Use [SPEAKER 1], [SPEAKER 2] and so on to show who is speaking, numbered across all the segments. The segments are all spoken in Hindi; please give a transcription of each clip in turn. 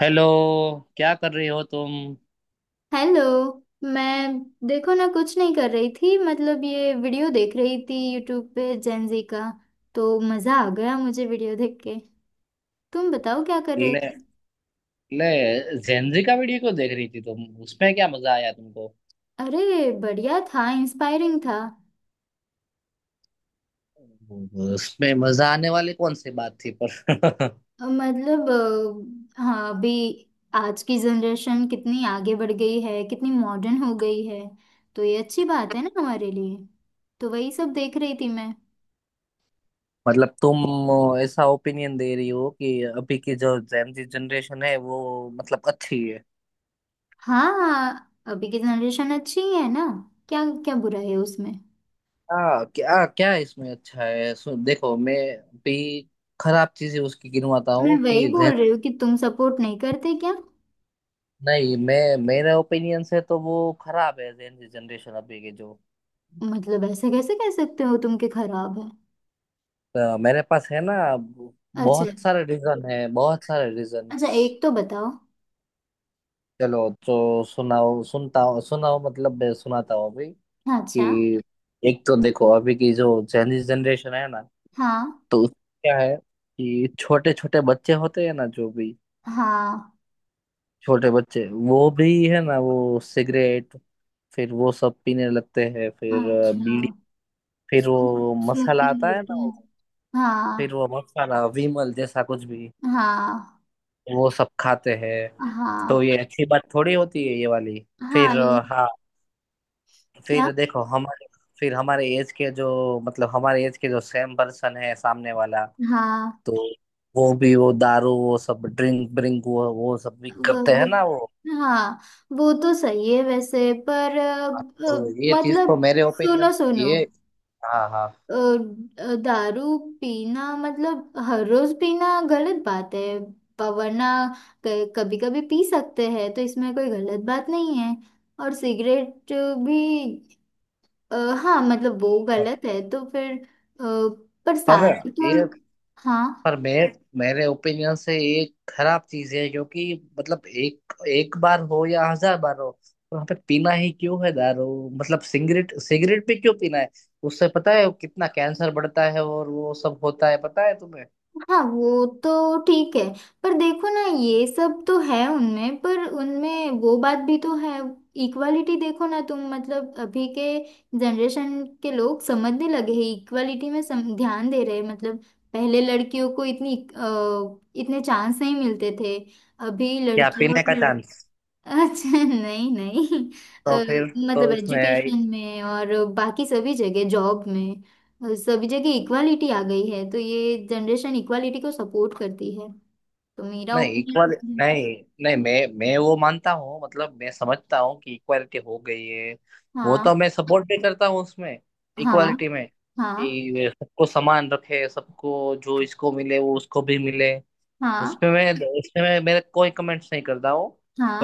[SPEAKER 1] हेलो। क्या कर रही हो तुम?
[SPEAKER 2] हेलो। मैं देखो ना कुछ नहीं कर रही थी। मतलब ये वीडियो देख रही थी यूट्यूब पे जेनजी का। तो मज़ा आ गया मुझे वीडियो देख के। तुम बताओ क्या कर रहे
[SPEAKER 1] ले
[SPEAKER 2] थे?
[SPEAKER 1] ले जेनजी का वीडियो क्यों देख रही थी तुम? उसमें क्या मजा आया तुमको?
[SPEAKER 2] अरे, बढ़िया था, इंस्पायरिंग था।
[SPEAKER 1] उसमें मजा आने वाली कौन सी बात थी पर?
[SPEAKER 2] अ, मतलब हाँ, अभी आज की जनरेशन कितनी आगे बढ़ गई है, कितनी मॉडर्न हो गई है। तो ये अच्छी बात है ना हमारे लिए। तो वही सब देख रही थी मैं।
[SPEAKER 1] मतलब तुम ऐसा ओपिनियन दे रही हो कि अभी की जो जेनजी जनरेशन है वो मतलब अच्छी है?
[SPEAKER 2] हाँ, अभी की जनरेशन अच्छी ही है ना। क्या क्या बुरा है उसमें?
[SPEAKER 1] क्या क्या इसमें अच्छा है? देखो मैं भी खराब चीजें उसकी गिनवाता
[SPEAKER 2] मैं
[SPEAKER 1] हूँ
[SPEAKER 2] वही
[SPEAKER 1] कि
[SPEAKER 2] बोल रही हूँ कि तुम सपोर्ट नहीं करते क्या?
[SPEAKER 1] नहीं, मैं मेरे ओपिनियन से तो वो खराब है जेनजी जनरेशन अभी की जो।
[SPEAKER 2] मतलब ऐसे कैसे कह सकते हो तुम के खराब है?
[SPEAKER 1] तो मेरे पास है ना,
[SPEAKER 2] अच्छा।
[SPEAKER 1] बहुत सारे रीजन है, बहुत सारे रीजन।
[SPEAKER 2] अच्छा, एक तो बताओ।
[SPEAKER 1] चलो तो सुनाओ, सुनता हूँ। सुनाओ, मतलब मैं सुनाता हूँ अभी
[SPEAKER 2] अच्छा।
[SPEAKER 1] कि एक तो देखो अभी की जो चाइनीज जनरेशन है ना,
[SPEAKER 2] हाँ,
[SPEAKER 1] तो उसमें क्या है कि छोटे छोटे बच्चे होते हैं ना, जो भी
[SPEAKER 2] हाँ।
[SPEAKER 1] छोटे बच्चे, वो भी है ना, वो सिगरेट, फिर वो सब पीने लगते हैं। फिर
[SPEAKER 2] अच्छा।
[SPEAKER 1] बीड़ी, फिर वो मसाला
[SPEAKER 2] स्मोकिंग
[SPEAKER 1] आता है
[SPEAKER 2] करते
[SPEAKER 1] ना
[SPEAKER 2] हैं।
[SPEAKER 1] वो, फिर
[SPEAKER 2] हाँ।
[SPEAKER 1] वो मसाला विमल जैसा कुछ भी
[SPEAKER 2] हाँ।
[SPEAKER 1] वो सब खाते हैं। तो
[SPEAKER 2] हाँ।
[SPEAKER 1] ये अच्छी बात थोड़ी होती है ये वाली?
[SPEAKER 2] हाँ।
[SPEAKER 1] फिर
[SPEAKER 2] ये
[SPEAKER 1] हाँ,
[SPEAKER 2] क्या?
[SPEAKER 1] फिर देखो हमारे, फिर हमारे एज के जो, मतलब हमारे एज के जो सेम पर्सन है सामने वाला,
[SPEAKER 2] हाँ।
[SPEAKER 1] तो वो भी वो दारू वो सब ड्रिंक ब्रिंक, वो सब भी
[SPEAKER 2] वो
[SPEAKER 1] करते हैं
[SPEAKER 2] वो
[SPEAKER 1] ना वो।
[SPEAKER 2] हाँ। वो तो सही है वैसे, पर
[SPEAKER 1] हाँ, तो ये चीज तो
[SPEAKER 2] मतलब
[SPEAKER 1] मेरे
[SPEAKER 2] सुनो
[SPEAKER 1] ओपिनियन,
[SPEAKER 2] सुनो,
[SPEAKER 1] ये, हाँ हाँ,
[SPEAKER 2] अ, दारू पीना मतलब हर रोज पीना गलत बात है। वरना कभी कभी पी सकते हैं तो इसमें कोई गलत बात नहीं है। और सिगरेट भी अ, हाँ, मतलब वो गलत है तो फिर पर
[SPEAKER 1] पर
[SPEAKER 2] सारी तो
[SPEAKER 1] ये
[SPEAKER 2] हाँ।
[SPEAKER 1] पर मैं मेरे ओपिनियन से ये खराब चीज है क्योंकि मतलब एक एक बार हो या 1000 बार हो, वहां पे पीना ही क्यों है दारू? मतलब सिगरेट सिगरेट भी क्यों पीना है? उससे पता है कितना कैंसर बढ़ता है और वो सब होता है, पता है तुम्हें?
[SPEAKER 2] हाँ, वो तो ठीक है। पर देखो ना ये सब तो है उनमें, पर उनमें वो बात भी तो है। इक्वालिटी देखो ना तुम, मतलब अभी के जनरेशन के लोग समझने लगे हैं, इक्वालिटी में ध्यान दे रहे हैं। मतलब पहले लड़कियों को इतनी इतने चांस नहीं मिलते थे। अभी
[SPEAKER 1] क्या
[SPEAKER 2] लड़कियां।
[SPEAKER 1] पीने का चांस?
[SPEAKER 2] अच्छा, नहीं नहीं। अ,
[SPEAKER 1] तो फिर,
[SPEAKER 2] मतलब
[SPEAKER 1] तो इसमें
[SPEAKER 2] एजुकेशन में और बाकी सभी जगह, जॉब में सभी जगह इक्वालिटी आ गई है तो ये जनरेशन इक्वालिटी को सपोर्ट करती है। तो मेरा
[SPEAKER 1] नहीं, इक्वल,
[SPEAKER 2] ओपिनियन।
[SPEAKER 1] नहीं, नहीं, मैं वो मानता हूँ, मतलब मैं समझता हूँ कि इक्वालिटी हो गई है। वो तो
[SPEAKER 2] हाँ।
[SPEAKER 1] मैं सपोर्ट भी करता हूँ उसमें,
[SPEAKER 2] हाँ।
[SPEAKER 1] इक्वालिटी में,
[SPEAKER 2] हाँ।
[SPEAKER 1] कि वे सबको समान रखे, सबको जो इसको मिले वो उसको भी मिले।
[SPEAKER 2] हाँ।
[SPEAKER 1] उसमें मैं उसमें मैं मेरे कोई कमेंट्स नहीं करता हूँ।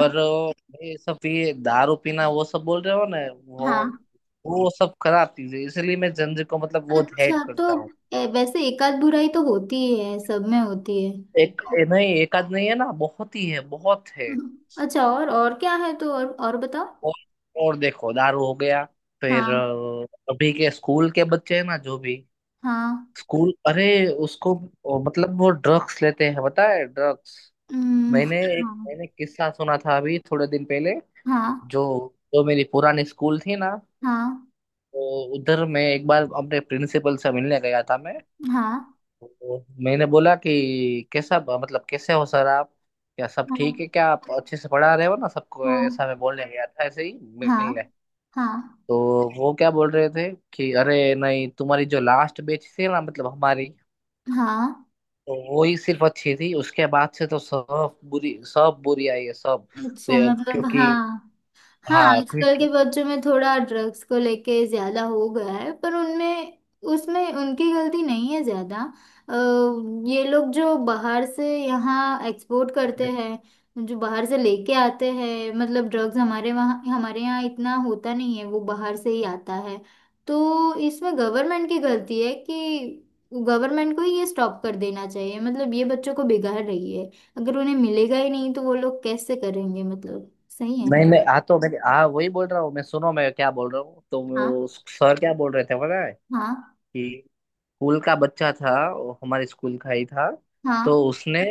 [SPEAKER 1] पर ये सब, ये दारू पीना वो सब बोल रहे हो ना, वो
[SPEAKER 2] हाँ।
[SPEAKER 1] वो सब खराब चीज है, इसलिए मैं जंजीर को मतलब वो हेट
[SPEAKER 2] अच्छा, तो
[SPEAKER 1] करता हूँ।
[SPEAKER 2] वैसे एक आध बुराई तो होती ही है, सब में होती है।
[SPEAKER 1] एक नहीं एक आध नहीं है ना, बहुत ही है, बहुत है।
[SPEAKER 2] अच्छा, और क्या है? तो और बताओ।
[SPEAKER 1] और और देखो दारू हो गया, फिर
[SPEAKER 2] हाँ।
[SPEAKER 1] अभी के स्कूल के बच्चे हैं ना, जो भी
[SPEAKER 2] हाँ।
[SPEAKER 1] स्कूल, अरे उसको, मतलब वो ड्रग्स लेते हैं, पता है? ड्रग्स। मैंने एक
[SPEAKER 2] हाँ।
[SPEAKER 1] मैंने किस्सा सुना था अभी थोड़े दिन पहले।
[SPEAKER 2] हाँ।
[SPEAKER 1] जो जो मेरी पुरानी स्कूल थी ना,
[SPEAKER 2] हाँ।
[SPEAKER 1] तो उधर मैं एक बार अपने प्रिंसिपल से मिलने गया था मैं।
[SPEAKER 2] हाँ।
[SPEAKER 1] तो मैंने बोला कि कैसा, मतलब कैसे हो सर आप? क्या सब
[SPEAKER 2] हाँ।
[SPEAKER 1] ठीक है? क्या आप अच्छे से पढ़ा रहे हो ना सबको?
[SPEAKER 2] हाँ।
[SPEAKER 1] ऐसा मैं बोलने गया था ऐसे ही
[SPEAKER 2] हाँ।
[SPEAKER 1] मिलने।
[SPEAKER 2] हाँ।
[SPEAKER 1] तो वो क्या बोल रहे थे, कि अरे नहीं तुम्हारी जो लास्ट बैच थी ना मतलब हमारी,
[SPEAKER 2] हाँ।
[SPEAKER 1] तो वो ही सिर्फ अच्छी थी, उसके बाद से तो सब बुरी, सब बुरी आई है सब।
[SPEAKER 2] अच्छा। मतलब
[SPEAKER 1] क्योंकि,
[SPEAKER 2] हाँ। हाँ,
[SPEAKER 1] हाँ
[SPEAKER 2] आजकल
[SPEAKER 1] क्योंकि
[SPEAKER 2] के बच्चों में थोड़ा ड्रग्स को लेके ज्यादा हो गया है, पर उनमें उसमें उनकी गलती नहीं है ज्यादा। ये लोग जो बाहर से यहाँ एक्सपोर्ट करते हैं, जो बाहर से लेके आते हैं, मतलब ड्रग्स हमारे वहाँ हमारे यहाँ इतना होता नहीं है, वो बाहर से ही आता है। तो इसमें गवर्नमेंट की गलती है कि गवर्नमेंट को ही ये स्टॉप कर देना चाहिए। मतलब ये बच्चों को बिगाड़ रही है। अगर उन्हें मिलेगा ही नहीं तो वो लोग कैसे करेंगे? मतलब सही है ना।
[SPEAKER 1] नहीं नहीं, हाँ तो मैं हाँ वही बोल रहा हूँ मैं। सुनो मैं क्या बोल रहा हूँ, तो
[SPEAKER 2] हाँ।
[SPEAKER 1] वो सर क्या बोल रहे थे पता है,
[SPEAKER 2] हाँ।
[SPEAKER 1] कि स्कूल का बच्चा था, वो हमारे स्कूल का ही था। तो
[SPEAKER 2] हाँ।
[SPEAKER 1] उसने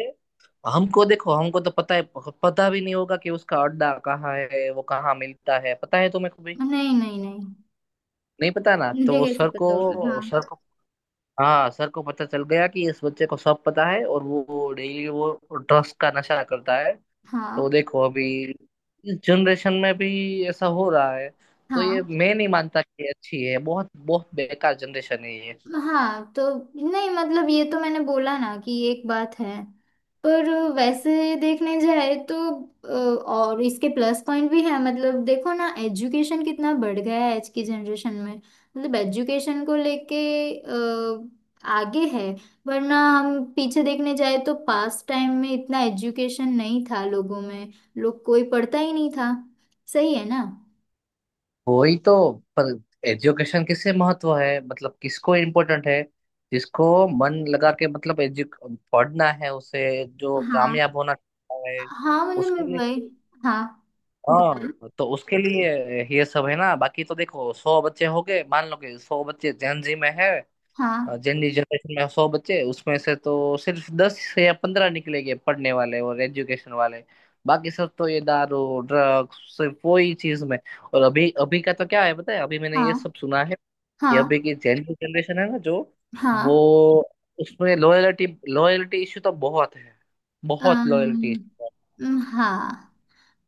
[SPEAKER 1] हमको, देखो हमको तो पता है, पता भी नहीं होगा कि उसका अड्डा कहाँ है, वो कहाँ मिलता है, पता है तुम्हें?
[SPEAKER 2] नहीं नहीं नहीं,
[SPEAKER 1] नहीं पता ना, तो
[SPEAKER 2] मुझे
[SPEAKER 1] वो
[SPEAKER 2] कैसे
[SPEAKER 1] सर
[SPEAKER 2] पता होगा।
[SPEAKER 1] को
[SPEAKER 2] हाँ।
[SPEAKER 1] सर को हाँ, सर को पता चल गया कि इस बच्चे को सब पता है, और वो डेली वो ड्रग्स का नशा करता है। तो
[SPEAKER 2] हाँ।
[SPEAKER 1] देखो अभी इस जनरेशन में भी ऐसा हो रहा है। तो
[SPEAKER 2] हाँ।
[SPEAKER 1] ये मैं नहीं मानता कि अच्छी है, बहुत बहुत बेकार जनरेशन है ये।
[SPEAKER 2] हाँ तो नहीं, मतलब ये तो मैंने बोला ना कि एक बात है। पर वैसे देखने जाए तो और इसके प्लस पॉइंट भी है। मतलब देखो ना एजुकेशन कितना बढ़ गया है आज की जनरेशन में, मतलब एजुकेशन को लेके अ, आगे है। वरना हम पीछे देखने जाए तो पास्ट टाइम में इतना एजुकेशन नहीं था लोगों में। लोग कोई पढ़ता ही नहीं था। सही है ना।
[SPEAKER 1] वही तो, पर एजुकेशन किसे महत्व है, मतलब किसको इम्पोर्टेंट है? जिसको मन लगा के, मतलब एजु पढ़ना है, उसे, जो
[SPEAKER 2] हाँ।
[SPEAKER 1] कामयाब होना चाहता है
[SPEAKER 2] हाँ, मतलब मैं
[SPEAKER 1] उसके लिए।
[SPEAKER 2] वही। हाँ बताओ।
[SPEAKER 1] हाँ तो उसके लिए ये सब है ना, बाकी तो देखो 100 बच्चे हो गए, मान लो कि 100 बच्चे जेन जी में है,
[SPEAKER 2] हाँ।
[SPEAKER 1] जेन जी जनरेशन में 100 बच्चे, उसमें से तो सिर्फ 10 या 15 निकलेंगे पढ़ने वाले और एजुकेशन वाले, बाकी सब तो ये दारू ड्रग्स सिर्फ वो ही चीज में। और अभी अभी का तो क्या है, पता है, अभी मैंने
[SPEAKER 2] हाँ।
[SPEAKER 1] ये सब सुना है, कि अभी
[SPEAKER 2] हाँ।
[SPEAKER 1] की जेन जी जनरेशन है ना जो, वो
[SPEAKER 2] हाँ।
[SPEAKER 1] उसमें लॉयलिटी, लॉयलिटी इश्यू तो बहुत है, बहुत
[SPEAKER 2] अम,
[SPEAKER 1] लॉयलिटी।
[SPEAKER 2] अम, हाँ,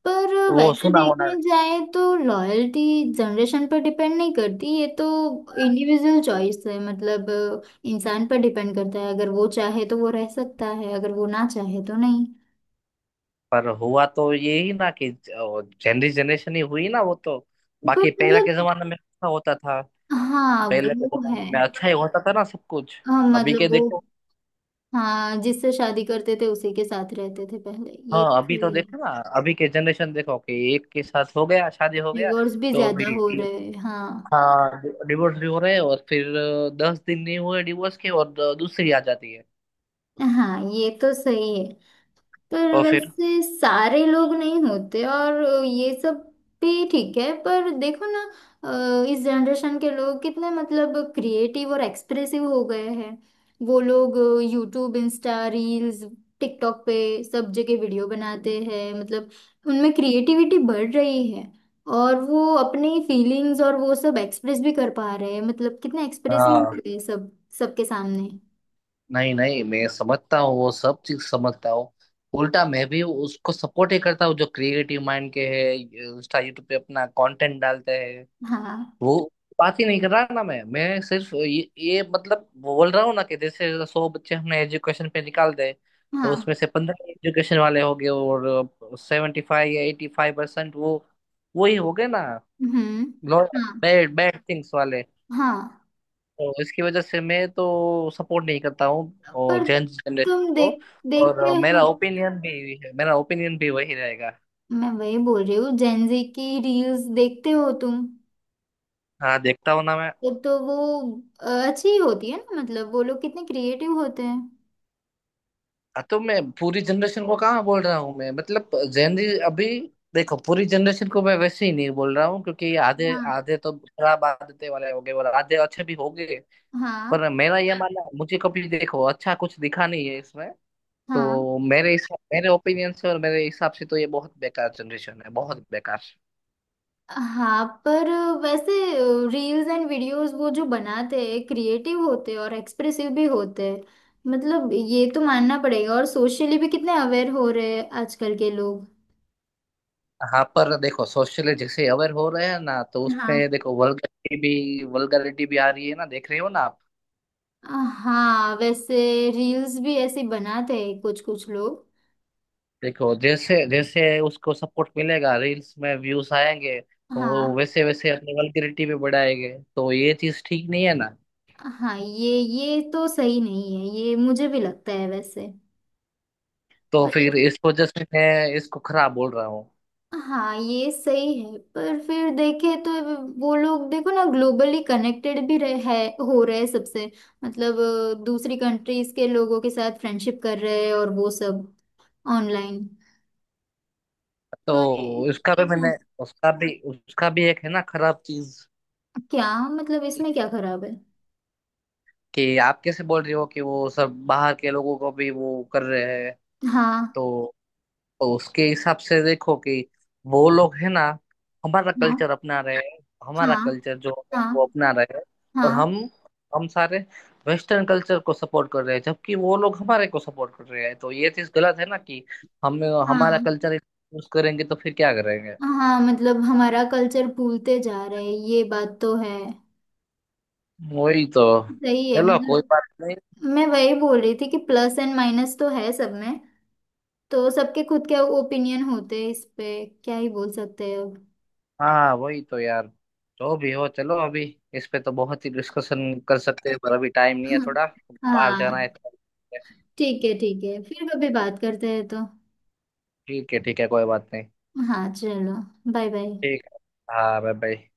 [SPEAKER 2] पर
[SPEAKER 1] वो
[SPEAKER 2] वैसे
[SPEAKER 1] सुना होना।
[SPEAKER 2] देखने जाए तो लॉयल्टी जनरेशन पर डिपेंड नहीं करती ये तो। इंडिविजुअल चॉइस है। मतलब इंसान पर डिपेंड करता है। अगर वो चाहे तो वो रह सकता है, अगर वो ना चाहे तो नहीं।
[SPEAKER 1] पर हुआ तो यही ना, कि जनरी जनरेशन ही हुई ना वो तो।
[SPEAKER 2] पर
[SPEAKER 1] बाकी पहले
[SPEAKER 2] मतलब
[SPEAKER 1] के जमाने में अच्छा होता था,
[SPEAKER 2] हाँ
[SPEAKER 1] पहले के
[SPEAKER 2] वो है।
[SPEAKER 1] जमाने में अच्छा ही होता था ना सब कुछ।
[SPEAKER 2] हाँ
[SPEAKER 1] अभी के
[SPEAKER 2] मतलब वो।
[SPEAKER 1] देखो,
[SPEAKER 2] हाँ, जिससे शादी करते थे उसी के साथ रहते थे पहले, ये
[SPEAKER 1] हाँ
[SPEAKER 2] तो
[SPEAKER 1] अभी तो
[SPEAKER 2] सही है।
[SPEAKER 1] देखो ना, अभी के जनरेशन देखो कि एक के साथ हो गया, शादी हो गया,
[SPEAKER 2] डिवोर्स भी
[SPEAKER 1] तो
[SPEAKER 2] ज्यादा
[SPEAKER 1] अभी,
[SPEAKER 2] हो रहे हैं, हाँ।
[SPEAKER 1] हाँ डिवोर्स भी हो रहे हैं, और फिर 10 दिन नहीं हुए डिवोर्स के और दूसरी आ जाती है।
[SPEAKER 2] हाँ, ये तो सही है, पर
[SPEAKER 1] तो फिर,
[SPEAKER 2] वैसे सारे लोग नहीं होते और ये सब भी ठीक है। पर देखो ना इस जनरेशन के लोग कितने मतलब क्रिएटिव और एक्सप्रेसिव हो गए हैं। वो लोग यूट्यूब, इंस्टा रील्स, टिकटॉक पे सब जगह वीडियो बनाते हैं। मतलब उनमें क्रिएटिविटी बढ़ रही है और वो अपनी फीलिंग्स और वो सब एक्सप्रेस भी कर पा रहे हैं। मतलब कितने एक्सप्रेसिव
[SPEAKER 1] हाँ,
[SPEAKER 2] हो गए सब, सबके सामने।
[SPEAKER 1] नहीं नहीं मैं समझता हूँ, वो सब चीज समझता हूँ। उल्टा मैं भी उसको सपोर्ट ही करता हूँ, जो क्रिएटिव माइंड के है इंस्टा यूट्यूब पे अपना कंटेंट डालते हैं
[SPEAKER 2] हाँ।
[SPEAKER 1] वो। बात ही नहीं कर रहा ना मैं सिर्फ ये मतलब बोल रहा हूँ ना, कि जैसे 100 बच्चे हमने एजुकेशन पे निकाल दे, तो उसमें
[SPEAKER 2] हाँ।
[SPEAKER 1] से 15 एजुकेशन वाले हो गए और 75 या 85% वो ही हो गए ना,
[SPEAKER 2] हम्म। हाँ।
[SPEAKER 1] बैड बैड थिंग्स वाले।
[SPEAKER 2] हाँ।
[SPEAKER 1] तो इसकी वजह से मैं तो सपोर्ट नहीं करता हूँ और
[SPEAKER 2] पर
[SPEAKER 1] जेन जनरेशन
[SPEAKER 2] तुम
[SPEAKER 1] को। और
[SPEAKER 2] देखते हो?
[SPEAKER 1] मेरा ओपिनियन भी है, मेरा ओपिनियन भी वही रहेगा।
[SPEAKER 2] मैं वही बोल रही हूँ, जेनजी की रील्स देखते हो तुम?
[SPEAKER 1] हाँ देखता हूँ ना मैं।
[SPEAKER 2] तो वो अच्छी ही होती है ना। मतलब वो लोग कितने क्रिएटिव होते हैं।
[SPEAKER 1] हाँ, तो मैं पूरी जनरेशन को कहाँ बोल रहा हूँ मैं, मतलब जेन, अभी देखो पूरी जनरेशन को मैं वैसे ही नहीं बोल रहा हूँ, क्योंकि आधे
[SPEAKER 2] हाँ।
[SPEAKER 1] आधे तो खराब आदतें वाले हो गए और आधे अच्छे भी हो गए।
[SPEAKER 2] हाँ।
[SPEAKER 1] पर मेरा ये मानना, मुझे कभी देखो अच्छा कुछ दिखा नहीं है इसमें।
[SPEAKER 2] हाँ।
[SPEAKER 1] तो मेरे हिसाब, मेरे ओपिनियन से और मेरे हिसाब से तो ये बहुत बेकार जनरेशन है, बहुत बेकार।
[SPEAKER 2] हाँ। पर वैसे रील्स एंड वीडियोस वो जो बनाते हैं क्रिएटिव होते हैं और एक्सप्रेसिव भी होते हैं। मतलब ये तो मानना पड़ेगा। और सोशली भी कितने अवेयर हो रहे हैं आजकल के लोग।
[SPEAKER 1] हाँ पर देखो, सोशल जैसे अवेयर हो रहे हैं ना, तो उसमें
[SPEAKER 2] हाँ।
[SPEAKER 1] देखो वल्गरिटी भी, वल्गरिटी भी आ रही है ना, देख रहे हो ना आप?
[SPEAKER 2] हाँ, वैसे रील्स भी ऐसे बनाते हैं कुछ कुछ लोग।
[SPEAKER 1] देखो जैसे जैसे उसको सपोर्ट मिलेगा, रील्स में व्यूज आएंगे, तो वो
[SPEAKER 2] हाँ।
[SPEAKER 1] वैसे वैसे अपनी वल्गरिटी भी बढ़ाएंगे, तो ये चीज ठीक नहीं है ना।
[SPEAKER 2] हाँ, ये तो सही नहीं है, ये मुझे भी लगता है वैसे।
[SPEAKER 1] तो
[SPEAKER 2] पर
[SPEAKER 1] फिर इस वजह से मैं इसको खराब बोल रहा हूँ।
[SPEAKER 2] हाँ, ये सही है, पर फिर देखे तो वो लोग देखो ना ग्लोबली कनेक्टेड भी रहे है हो रहे हैं सबसे। मतलब दूसरी कंट्रीज के लोगों के साथ फ्रेंडशिप कर रहे हैं और वो सब ऑनलाइन।
[SPEAKER 1] तो
[SPEAKER 2] तो ये
[SPEAKER 1] उसका भी
[SPEAKER 2] हाँ,
[SPEAKER 1] मैंने उसका भी उसका भी एक है ना खराब चीज,
[SPEAKER 2] क्या? मतलब इसमें क्या खराब है?
[SPEAKER 1] कि आप कैसे बोल रहे हो कि वो सब बाहर के लोगों को भी वो कर रहे हैं?
[SPEAKER 2] हाँ।
[SPEAKER 1] तो तो उसके हिसाब से देखो कि वो लोग है ना, हमारा
[SPEAKER 2] हाँ।
[SPEAKER 1] कल्चर अपना रहे हैं, हमारा
[SPEAKER 2] हाँ।
[SPEAKER 1] कल्चर जो है
[SPEAKER 2] हाँ।
[SPEAKER 1] वो अपना रहे हैं। और हम
[SPEAKER 2] हाँ।
[SPEAKER 1] हम सारे वेस्टर्न कल्चर को सपोर्ट कर रहे हैं, जबकि वो लोग हमारे को सपोर्ट कर रहे हैं, तो ये चीज गलत है ना कि हम हमारा
[SPEAKER 2] हाँ।
[SPEAKER 1] कल्चर यूज करेंगे तो फिर क्या करेंगे?
[SPEAKER 2] हाँ, मतलब हमारा कल्चर भूलते जा रहे हैं, ये बात तो है।
[SPEAKER 1] वही तो।
[SPEAKER 2] सही है,
[SPEAKER 1] चलो कोई
[SPEAKER 2] मतलब
[SPEAKER 1] बात नहीं।
[SPEAKER 2] मैं वही बोल रही थी कि प्लस एंड माइनस तो है सब में। तो सबके खुद के ओपिनियन होते हैं, इस पे क्या ही बोल सकते हैं अब।
[SPEAKER 1] हाँ वही तो यार, जो भी हो, चलो अभी इस पे तो बहुत ही डिस्कशन कर सकते हैं, पर अभी टाइम नहीं है थोड़ा, बाहर जाना
[SPEAKER 2] हाँ।
[SPEAKER 1] है तो।
[SPEAKER 2] ठीक है ठीक है, फिर कभी बात करते हैं तो।
[SPEAKER 1] ठीक है, ठीक है, कोई बात नहीं।
[SPEAKER 2] हाँ, चलो, बाय बाय।
[SPEAKER 1] ठीक है, हाँ, बाय बाय।